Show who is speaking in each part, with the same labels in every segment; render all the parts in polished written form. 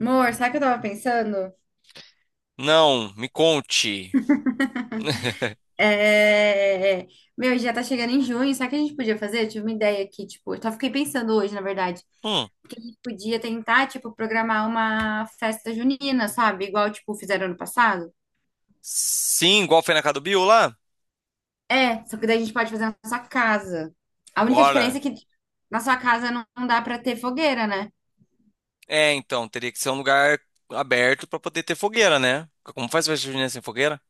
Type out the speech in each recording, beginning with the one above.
Speaker 1: Amor, sabe o que eu tava pensando?
Speaker 2: Não, me conte.
Speaker 1: É... Meu, já tá chegando em junho, sabe o que a gente podia fazer? Eu tive uma ideia aqui, tipo, eu só fiquei pensando hoje, na verdade,
Speaker 2: Hum.
Speaker 1: que a gente podia tentar, tipo, programar uma festa junina, sabe? Igual, tipo, fizeram ano passado.
Speaker 2: Sim, igual foi na casa do Bill lá?
Speaker 1: É, só que daí a gente pode fazer na nossa casa. A única diferença
Speaker 2: Bora.
Speaker 1: é que na sua casa não dá pra ter fogueira, né?
Speaker 2: É, então, teria que ser um lugar aberto pra poder ter fogueira, né? Como faz festa junina sem fogueira?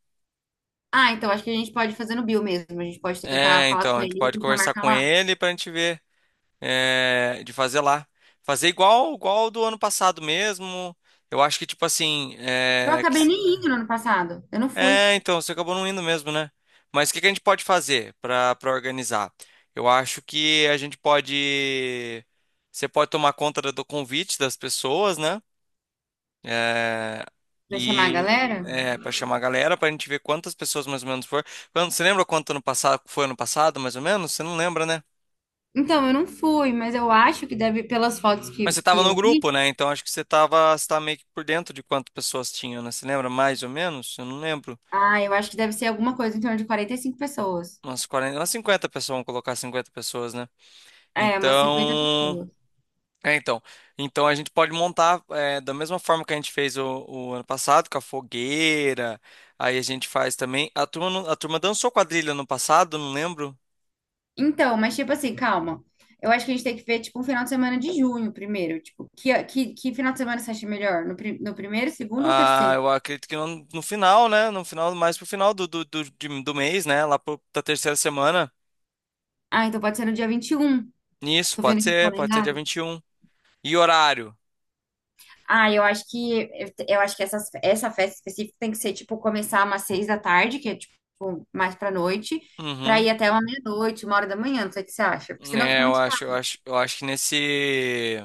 Speaker 1: Ah, então acho que a gente pode fazer no Bill mesmo. A gente pode tentar
Speaker 2: É,
Speaker 1: falar
Speaker 2: então,
Speaker 1: com
Speaker 2: a gente
Speaker 1: ele e
Speaker 2: pode
Speaker 1: tentar
Speaker 2: conversar
Speaker 1: marcar
Speaker 2: com
Speaker 1: lá.
Speaker 2: ele pra gente ver de fazer lá. Fazer igual do ano passado mesmo. Eu acho que, tipo assim,
Speaker 1: Eu
Speaker 2: que
Speaker 1: acabei nem indo no ano passado. Eu não fui.
Speaker 2: É, então, você acabou não indo mesmo, né? Mas o que que a gente pode fazer para organizar? Eu acho que a gente pode. Você pode tomar conta do convite das pessoas, né? É,
Speaker 1: Pra chamar a
Speaker 2: e
Speaker 1: galera?
Speaker 2: para chamar a galera, para a gente ver quantas pessoas mais ou menos foram. Você lembra quanto ano passado foi ano passado, mais ou menos? Você não lembra, né?
Speaker 1: Então, eu não fui, mas eu acho que deve, pelas fotos
Speaker 2: Mas
Speaker 1: que,
Speaker 2: você estava
Speaker 1: que
Speaker 2: no
Speaker 1: eu vi,
Speaker 2: grupo, né? Então acho que você tava meio que por dentro de quantas pessoas tinham, né? Você lembra mais ou menos? Eu não lembro.
Speaker 1: ah, eu acho que deve ser alguma coisa em torno de 45 pessoas.
Speaker 2: Umas 40, umas 50 pessoas, vamos colocar 50 pessoas, né?
Speaker 1: É, umas 50
Speaker 2: Então,
Speaker 1: pessoas.
Speaker 2: é, então, então a gente pode montar da mesma forma que a gente fez o ano passado, com a fogueira. Aí a gente faz também. A turma dançou quadrilha no passado, não lembro.
Speaker 1: Então, mas tipo assim, calma. Eu acho que a gente tem que ver, tipo, um final de semana de junho primeiro. Tipo, que final de semana você acha melhor? No primeiro, segundo ou
Speaker 2: Ah,
Speaker 1: terceiro?
Speaker 2: eu acredito que no final, né? No final, mais pro final do mês, né? Lá da terceira semana.
Speaker 1: Ah, então pode ser no dia 21.
Speaker 2: Isso,
Speaker 1: Tô vendo aqui o
Speaker 2: pode ser dia
Speaker 1: calendário.
Speaker 2: 21. E um. E horário?
Speaker 1: Ah, eu acho que essa festa específica tem que ser tipo começar umas 6 da tarde, que é tipo mais pra noite, pra
Speaker 2: Uhum.
Speaker 1: ir até uma meia-noite, 1 hora da manhã, não sei o que você acha, porque senão
Speaker 2: É,
Speaker 1: fica
Speaker 2: eu
Speaker 1: muito
Speaker 2: acho, eu
Speaker 1: tarde.
Speaker 2: acho, eu acho que nesse.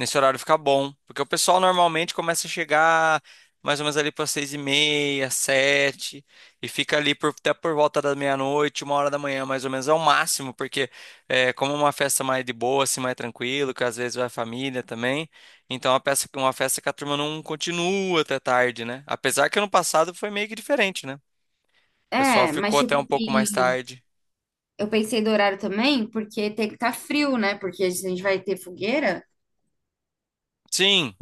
Speaker 2: Nesse horário fica bom, porque o pessoal normalmente começa a chegar mais ou menos ali para 6:30, sete, e fica ali até por volta da meia-noite, uma hora da manhã, mais ou menos, é o máximo, porque como é uma festa mais de boa, assim, mais tranquilo, que às vezes vai família também, então é uma festa que a turma não continua até tarde, né? Apesar que ano passado foi meio que diferente, né? O pessoal
Speaker 1: É,
Speaker 2: ficou
Speaker 1: mas
Speaker 2: até um pouco mais tarde.
Speaker 1: eu pensei do horário também, porque tem que estar frio, né? Porque se a gente vai ter fogueira,
Speaker 2: Sim,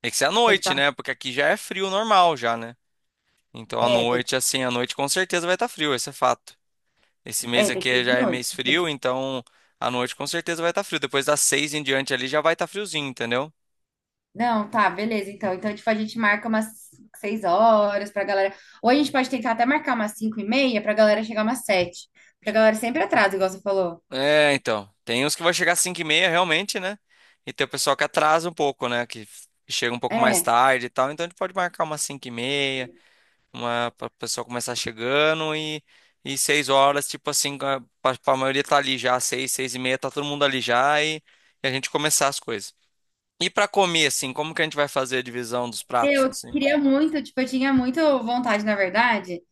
Speaker 2: tem que ser à
Speaker 1: tem que
Speaker 2: noite,
Speaker 1: estar.
Speaker 2: né? Porque aqui já é frio normal já, né? Então, à
Speaker 1: é, tem,
Speaker 2: noite, assim, à noite com certeza vai estar frio, esse é fato. Esse mês
Speaker 1: tem que
Speaker 2: aqui
Speaker 1: ser de
Speaker 2: já é
Speaker 1: noite.
Speaker 2: mês
Speaker 1: Então,
Speaker 2: frio,
Speaker 1: tipo,
Speaker 2: então à noite com certeza vai estar frio. Depois das seis em diante ali já vai estar friozinho, entendeu?
Speaker 1: não, tá, beleza. Então, tipo, a gente marca umas 6 horas pra galera. Ou a gente pode tentar até marcar umas 5h30 pra galera chegar umas 7h. Porque a galera sempre atrasa, igual você falou.
Speaker 2: É, então. Tem uns que vai chegar às 5:30, realmente, né? E tem o pessoal que atrasa um pouco, né? Que chega um pouco mais
Speaker 1: É,
Speaker 2: tarde e tal. Então a gente pode marcar umas 5:30, uma, para o pessoal começar chegando e 6 horas, tipo assim, pra maioria tá ali já, seis, seis e meia, tá todo mundo ali já e a gente começar as coisas. E pra comer, assim, como que a gente vai fazer a divisão dos pratos,
Speaker 1: eu
Speaker 2: assim?
Speaker 1: queria muito, tipo, eu tinha muito vontade, na verdade,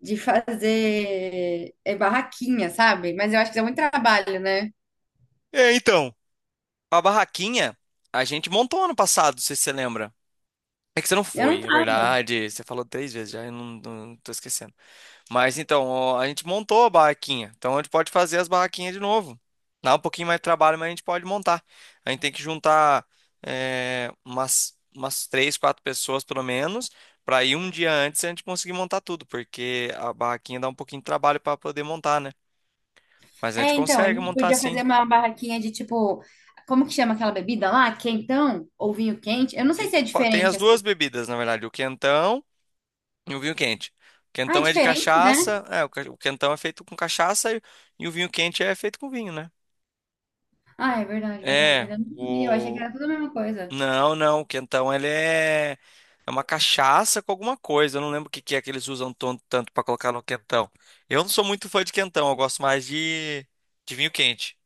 Speaker 1: de fazer barraquinha, sabe? Mas eu acho que dá muito trabalho, né?
Speaker 2: É, então. A barraquinha a gente montou ano passado, não sei se você lembra. É que você não
Speaker 1: Eu não
Speaker 2: foi, é
Speaker 1: tava.
Speaker 2: verdade. Você falou 3 vezes já, eu não tô esquecendo. Mas então, ó, a gente montou a barraquinha. Então a gente pode fazer as barraquinhas de novo. Dá um pouquinho mais de trabalho, mas a gente pode montar. A gente tem que juntar umas três, quatro pessoas pelo menos, para ir um dia antes e a gente conseguir montar tudo, porque a barraquinha dá um pouquinho de trabalho para poder montar, né? Mas a gente
Speaker 1: É, então, a
Speaker 2: consegue
Speaker 1: gente
Speaker 2: montar
Speaker 1: podia fazer
Speaker 2: assim.
Speaker 1: uma barraquinha de tipo, como que chama aquela bebida lá? Quentão ou vinho quente? Eu não sei se é
Speaker 2: Pô, tem
Speaker 1: diferente
Speaker 2: as
Speaker 1: essas.
Speaker 2: duas bebidas, na verdade, o quentão e o vinho quente. O
Speaker 1: Ah, é
Speaker 2: quentão é de
Speaker 1: diferente, né?
Speaker 2: cachaça, o quentão é feito com cachaça e o vinho quente é feito com vinho, né?
Speaker 1: Ah, é verdade, verdade,
Speaker 2: É,
Speaker 1: verdade. Não sabia. Eu achei que
Speaker 2: o.
Speaker 1: era tudo a mesma coisa.
Speaker 2: Não, não, o quentão ele é. É uma cachaça com alguma coisa. Eu não lembro o que que é que eles usam tanto para colocar no quentão. Eu não sou muito fã de quentão, eu gosto mais de vinho quente.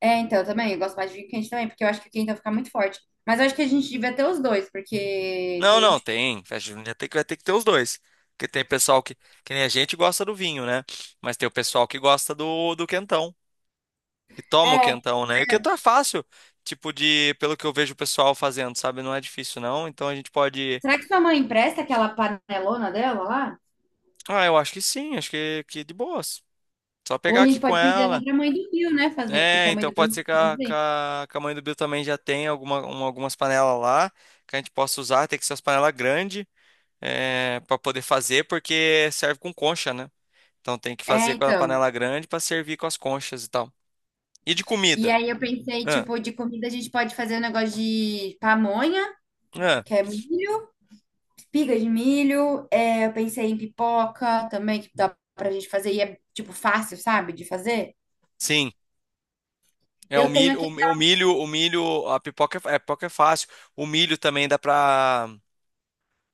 Speaker 1: É, então, eu também, eu gosto mais de vinho quente também, porque eu acho que o quentão fica muito forte. Mas eu acho que a gente devia ter os dois, porque
Speaker 2: Não,
Speaker 1: tem,
Speaker 2: não,
Speaker 1: tipo,
Speaker 2: tem. Festa junina vai ter que ter os dois. Porque tem pessoal que nem a gente gosta do vinho, né? Mas tem o pessoal que gosta do quentão, que toma o
Speaker 1: é.
Speaker 2: quentão, né? E o quentão é fácil, tipo de, pelo que eu vejo o pessoal fazendo, sabe? Não é difícil, não. Então a gente pode.
Speaker 1: Será que sua mãe empresta aquela panelona dela lá?
Speaker 2: Ah, eu acho que sim, acho que de boas. Só
Speaker 1: Ou
Speaker 2: pegar
Speaker 1: a
Speaker 2: aqui
Speaker 1: gente
Speaker 2: com
Speaker 1: pode pedir até
Speaker 2: ela.
Speaker 1: pra mãe do Bill, né, fazer, porque
Speaker 2: É,
Speaker 1: a mãe
Speaker 2: então
Speaker 1: do
Speaker 2: pode ser
Speaker 1: Bill
Speaker 2: que
Speaker 1: faz
Speaker 2: a, que
Speaker 1: bem.
Speaker 2: a, que a mãe do Bill também já tenha algumas panelas lá que a gente possa usar. Tem que ser as panelas grandes para poder fazer, porque serve com concha, né? Então tem que
Speaker 1: É,
Speaker 2: fazer com a
Speaker 1: então.
Speaker 2: panela grande para servir com as conchas e tal. E de
Speaker 1: E
Speaker 2: comida?
Speaker 1: aí eu pensei,
Speaker 2: Ah,
Speaker 1: tipo, de comida a gente pode fazer um negócio de pamonha,
Speaker 2: ah,
Speaker 1: que é milho, espiga de milho. Eu pensei em pipoca também, que dá pra gente fazer e é, tipo, fácil, sabe, de fazer.
Speaker 2: sim. É o
Speaker 1: Eu tenho
Speaker 2: milho, o,
Speaker 1: aquele
Speaker 2: mi- o milho, a pipoca é fácil. O milho também dá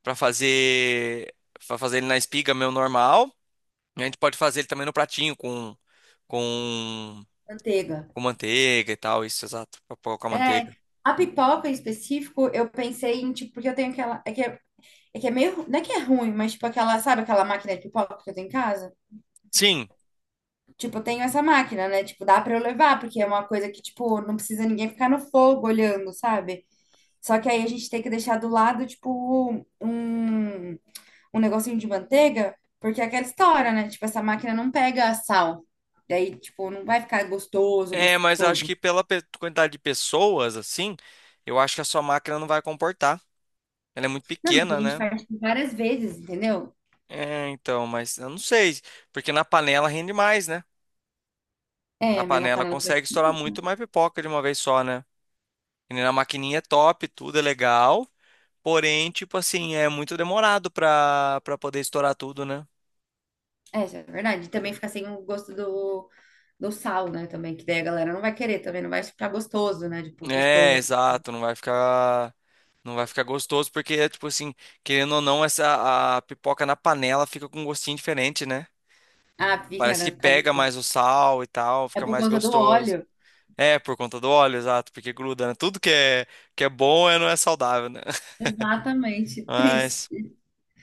Speaker 2: pra fazer, pra fazer ele na espiga meu normal. E a gente pode fazer ele também no pratinho com,
Speaker 1: da manteiga.
Speaker 2: com manteiga e tal, isso, exato, pra pôr com
Speaker 1: É,
Speaker 2: manteiga.
Speaker 1: a pipoca em específico, eu pensei em, tipo, porque eu tenho aquela, é que é meio, não é que é ruim, mas tipo aquela, sabe aquela máquina de pipoca que eu tenho em casa?
Speaker 2: Sim,
Speaker 1: Tipo, eu tenho essa máquina, né? Tipo, dá pra eu levar, porque é uma coisa que, tipo, não precisa ninguém ficar no fogo olhando, sabe? Só que aí a gente tem que deixar do lado, tipo, um negocinho de manteiga, porque é aquela história, né? Tipo, essa máquina não pega sal. Daí, tipo, não vai ficar gostoso,
Speaker 2: mas eu acho
Speaker 1: gostoso.
Speaker 2: que pela quantidade de pessoas, assim, eu acho que a sua máquina não vai comportar. Ela é muito
Speaker 1: Não, mas a
Speaker 2: pequena,
Speaker 1: gente
Speaker 2: né?
Speaker 1: faz tipo, várias vezes, entendeu?
Speaker 2: É, então, mas eu não sei, porque na panela rende mais, né?
Speaker 1: É,
Speaker 2: Na
Speaker 1: mas a
Speaker 2: panela
Speaker 1: panela.
Speaker 2: consegue estourar muito mais pipoca de uma vez só, né? E na maquininha é top, tudo é legal, porém, tipo assim, é muito demorado pra poder estourar tudo, né?
Speaker 1: É, isso é verdade. E também fica sem o gosto do sal, né? Também, que daí a galera não vai querer, também não vai ficar gostoso, né? Tipo,
Speaker 2: É,
Speaker 1: gostoso.
Speaker 2: exato, não vai ficar gostoso, porque, tipo assim, querendo ou não, a pipoca na panela fica com um gostinho diferente, né?
Speaker 1: Ah, fica,
Speaker 2: Parece
Speaker 1: né?
Speaker 2: que
Speaker 1: Fica
Speaker 2: pega mais
Speaker 1: gostoso.
Speaker 2: o sal e tal,
Speaker 1: É
Speaker 2: fica
Speaker 1: por
Speaker 2: mais
Speaker 1: conta do
Speaker 2: gostoso.
Speaker 1: óleo.
Speaker 2: É, por conta do óleo, exato, porque gruda, né? Tudo que é bom não é saudável, né?
Speaker 1: Exatamente.
Speaker 2: Mas,
Speaker 1: Triste.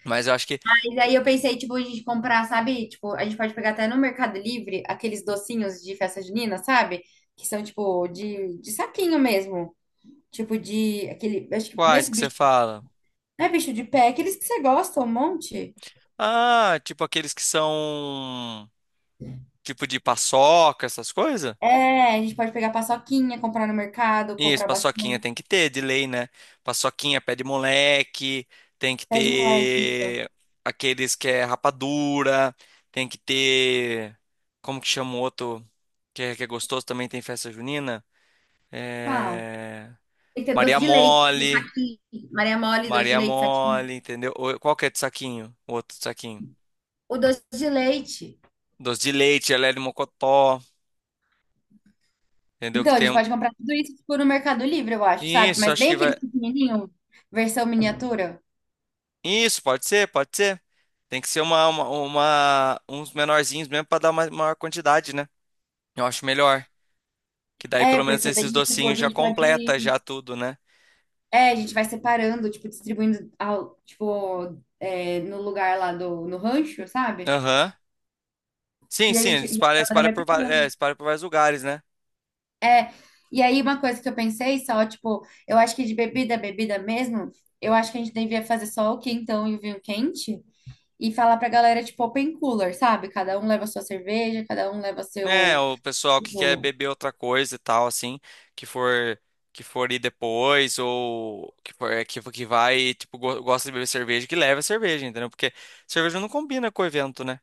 Speaker 2: mas eu acho que,
Speaker 1: Mas
Speaker 2: que-
Speaker 1: aí eu pensei, tipo, a gente comprar, sabe? Tipo, a gente pode pegar até no Mercado Livre aqueles docinhos de festa junina, sabe? Que são, tipo, de saquinho mesmo. Tipo, de aquele. Acho que não é
Speaker 2: Quais
Speaker 1: esse
Speaker 2: que você
Speaker 1: bicho.
Speaker 2: fala?
Speaker 1: Não é bicho de pé, é aqueles que você gosta, um monte.
Speaker 2: Ah, tipo aqueles que são... Tipo de paçoca, essas coisas?
Speaker 1: É, a gente pode pegar paçoquinha, comprar no mercado,
Speaker 2: Isso,
Speaker 1: comprar
Speaker 2: paçoquinha
Speaker 1: bastante.
Speaker 2: tem que ter, de lei, né? Paçoquinha, pé de moleque, tem que
Speaker 1: Pé de moleque, isso.
Speaker 2: ter aqueles que é rapadura, tem que ter... Como que chama o outro que é gostoso, também tem festa junina?
Speaker 1: Qual?
Speaker 2: É...
Speaker 1: Tem que ter doce
Speaker 2: Maria
Speaker 1: de leite,
Speaker 2: Mole...
Speaker 1: saquinho. Maria mole, doce de
Speaker 2: Maria
Speaker 1: leite, saquinho.
Speaker 2: mole, entendeu? Qual que é de saquinho? O outro de saquinho.
Speaker 1: O doce de leite.
Speaker 2: Doce de leite, gelé de mocotó, entendeu? Que
Speaker 1: Então, a
Speaker 2: tem
Speaker 1: gente
Speaker 2: um...
Speaker 1: pode comprar tudo isso, tipo, no Mercado Livre, eu acho, sabe?
Speaker 2: Isso,
Speaker 1: Mas
Speaker 2: acho
Speaker 1: bem
Speaker 2: que vai...
Speaker 1: aqueles pequenininhos, versão miniatura.
Speaker 2: Isso, pode ser, pode ser. Tem que ser uns menorzinhos mesmo para dar uma maior quantidade, né? Eu acho melhor. Que daí
Speaker 1: É,
Speaker 2: pelo menos
Speaker 1: porque
Speaker 2: esses
Speaker 1: daí, tipo, a
Speaker 2: docinhos já
Speaker 1: gente
Speaker 2: completa já
Speaker 1: pode...
Speaker 2: tudo, né?
Speaker 1: É, a gente vai separando, tipo, distribuindo, ao, tipo, no lugar lá no rancho, sabe?
Speaker 2: Aham. Sim,
Speaker 1: E a
Speaker 2: sim,
Speaker 1: gente, e a
Speaker 2: espalha,
Speaker 1: galera vai pegando.
Speaker 2: espalha por vários lugares, né?
Speaker 1: É, e aí uma coisa que eu pensei só, tipo, eu acho que de bebida, bebida mesmo, eu acho que a gente devia fazer só o quentão e o vinho quente e falar pra galera, tipo, open cooler, sabe? Cada um leva a sua cerveja, cada um leva
Speaker 2: É,
Speaker 1: seu...
Speaker 2: o pessoal que quer
Speaker 1: tipo,
Speaker 2: beber outra coisa e tal, assim, que for que for ir depois ou que for que vai, tipo, gosta de beber cerveja, que leva a cerveja, entendeu? Porque cerveja não combina com o evento, né?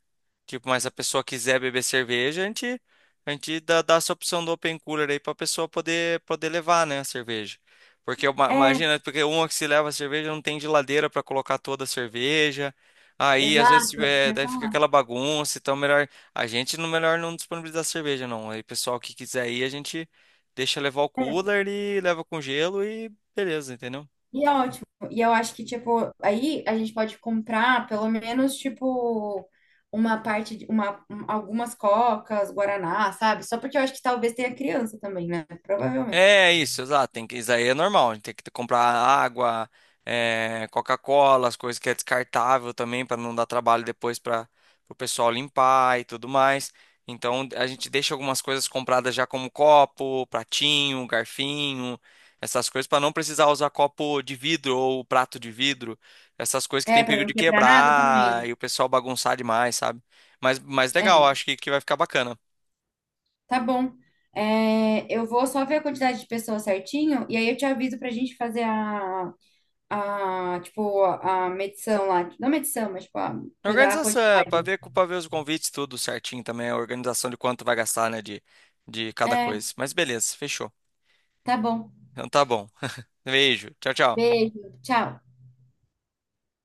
Speaker 2: Tipo, mas se a pessoa quiser beber cerveja, a gente dá essa opção do open cooler aí pra pessoa poder levar, né, a cerveja. Porque uma-
Speaker 1: é,
Speaker 2: imagina, porque uma que se leva a cerveja não tem geladeira pra colocar toda a cerveja. Aí, às vezes,
Speaker 1: exato, eu ia
Speaker 2: daí fica
Speaker 1: falar.
Speaker 2: aquela bagunça, então é melhor a gente, no melhor, não disponibiliza cerveja, não. Aí, pessoal que quiser ir, a gente deixa levar o
Speaker 1: É,
Speaker 2: cooler e leva com gelo e beleza, entendeu?
Speaker 1: e é ótimo. E eu acho que, tipo, aí a gente pode comprar pelo menos, tipo, uma parte, algumas cocas, guaraná, sabe? Só porque eu acho que talvez tenha criança também, né? Provavelmente.
Speaker 2: É isso, exato. Isso aí é normal. A gente tem que comprar água, Coca-Cola, as coisas que é descartável também, para não dar trabalho depois para o pessoal limpar e tudo mais. Então a gente deixa algumas coisas compradas já como copo, pratinho, garfinho, essas coisas para não precisar usar copo de vidro ou prato de vidro, essas coisas que tem
Speaker 1: É, pra
Speaker 2: perigo
Speaker 1: não
Speaker 2: de
Speaker 1: quebrar nada
Speaker 2: quebrar
Speaker 1: também,
Speaker 2: e o pessoal bagunçar demais, sabe? Mas
Speaker 1: né?
Speaker 2: legal,
Speaker 1: É,
Speaker 2: acho que vai ficar bacana.
Speaker 1: tá bom. É, eu vou só ver a quantidade de pessoas certinho e aí eu te aviso pra gente fazer a, tipo, a medição lá. Não medição, mas, tipo, a coisa, a
Speaker 2: Organização, para
Speaker 1: quantidade.
Speaker 2: ver, os convites, tudo certinho também, a organização de quanto vai gastar, né, de cada
Speaker 1: É,
Speaker 2: coisa. Mas beleza, fechou.
Speaker 1: tá bom.
Speaker 2: Então tá bom. Beijo, tchau, tchau.
Speaker 1: Beijo, tchau.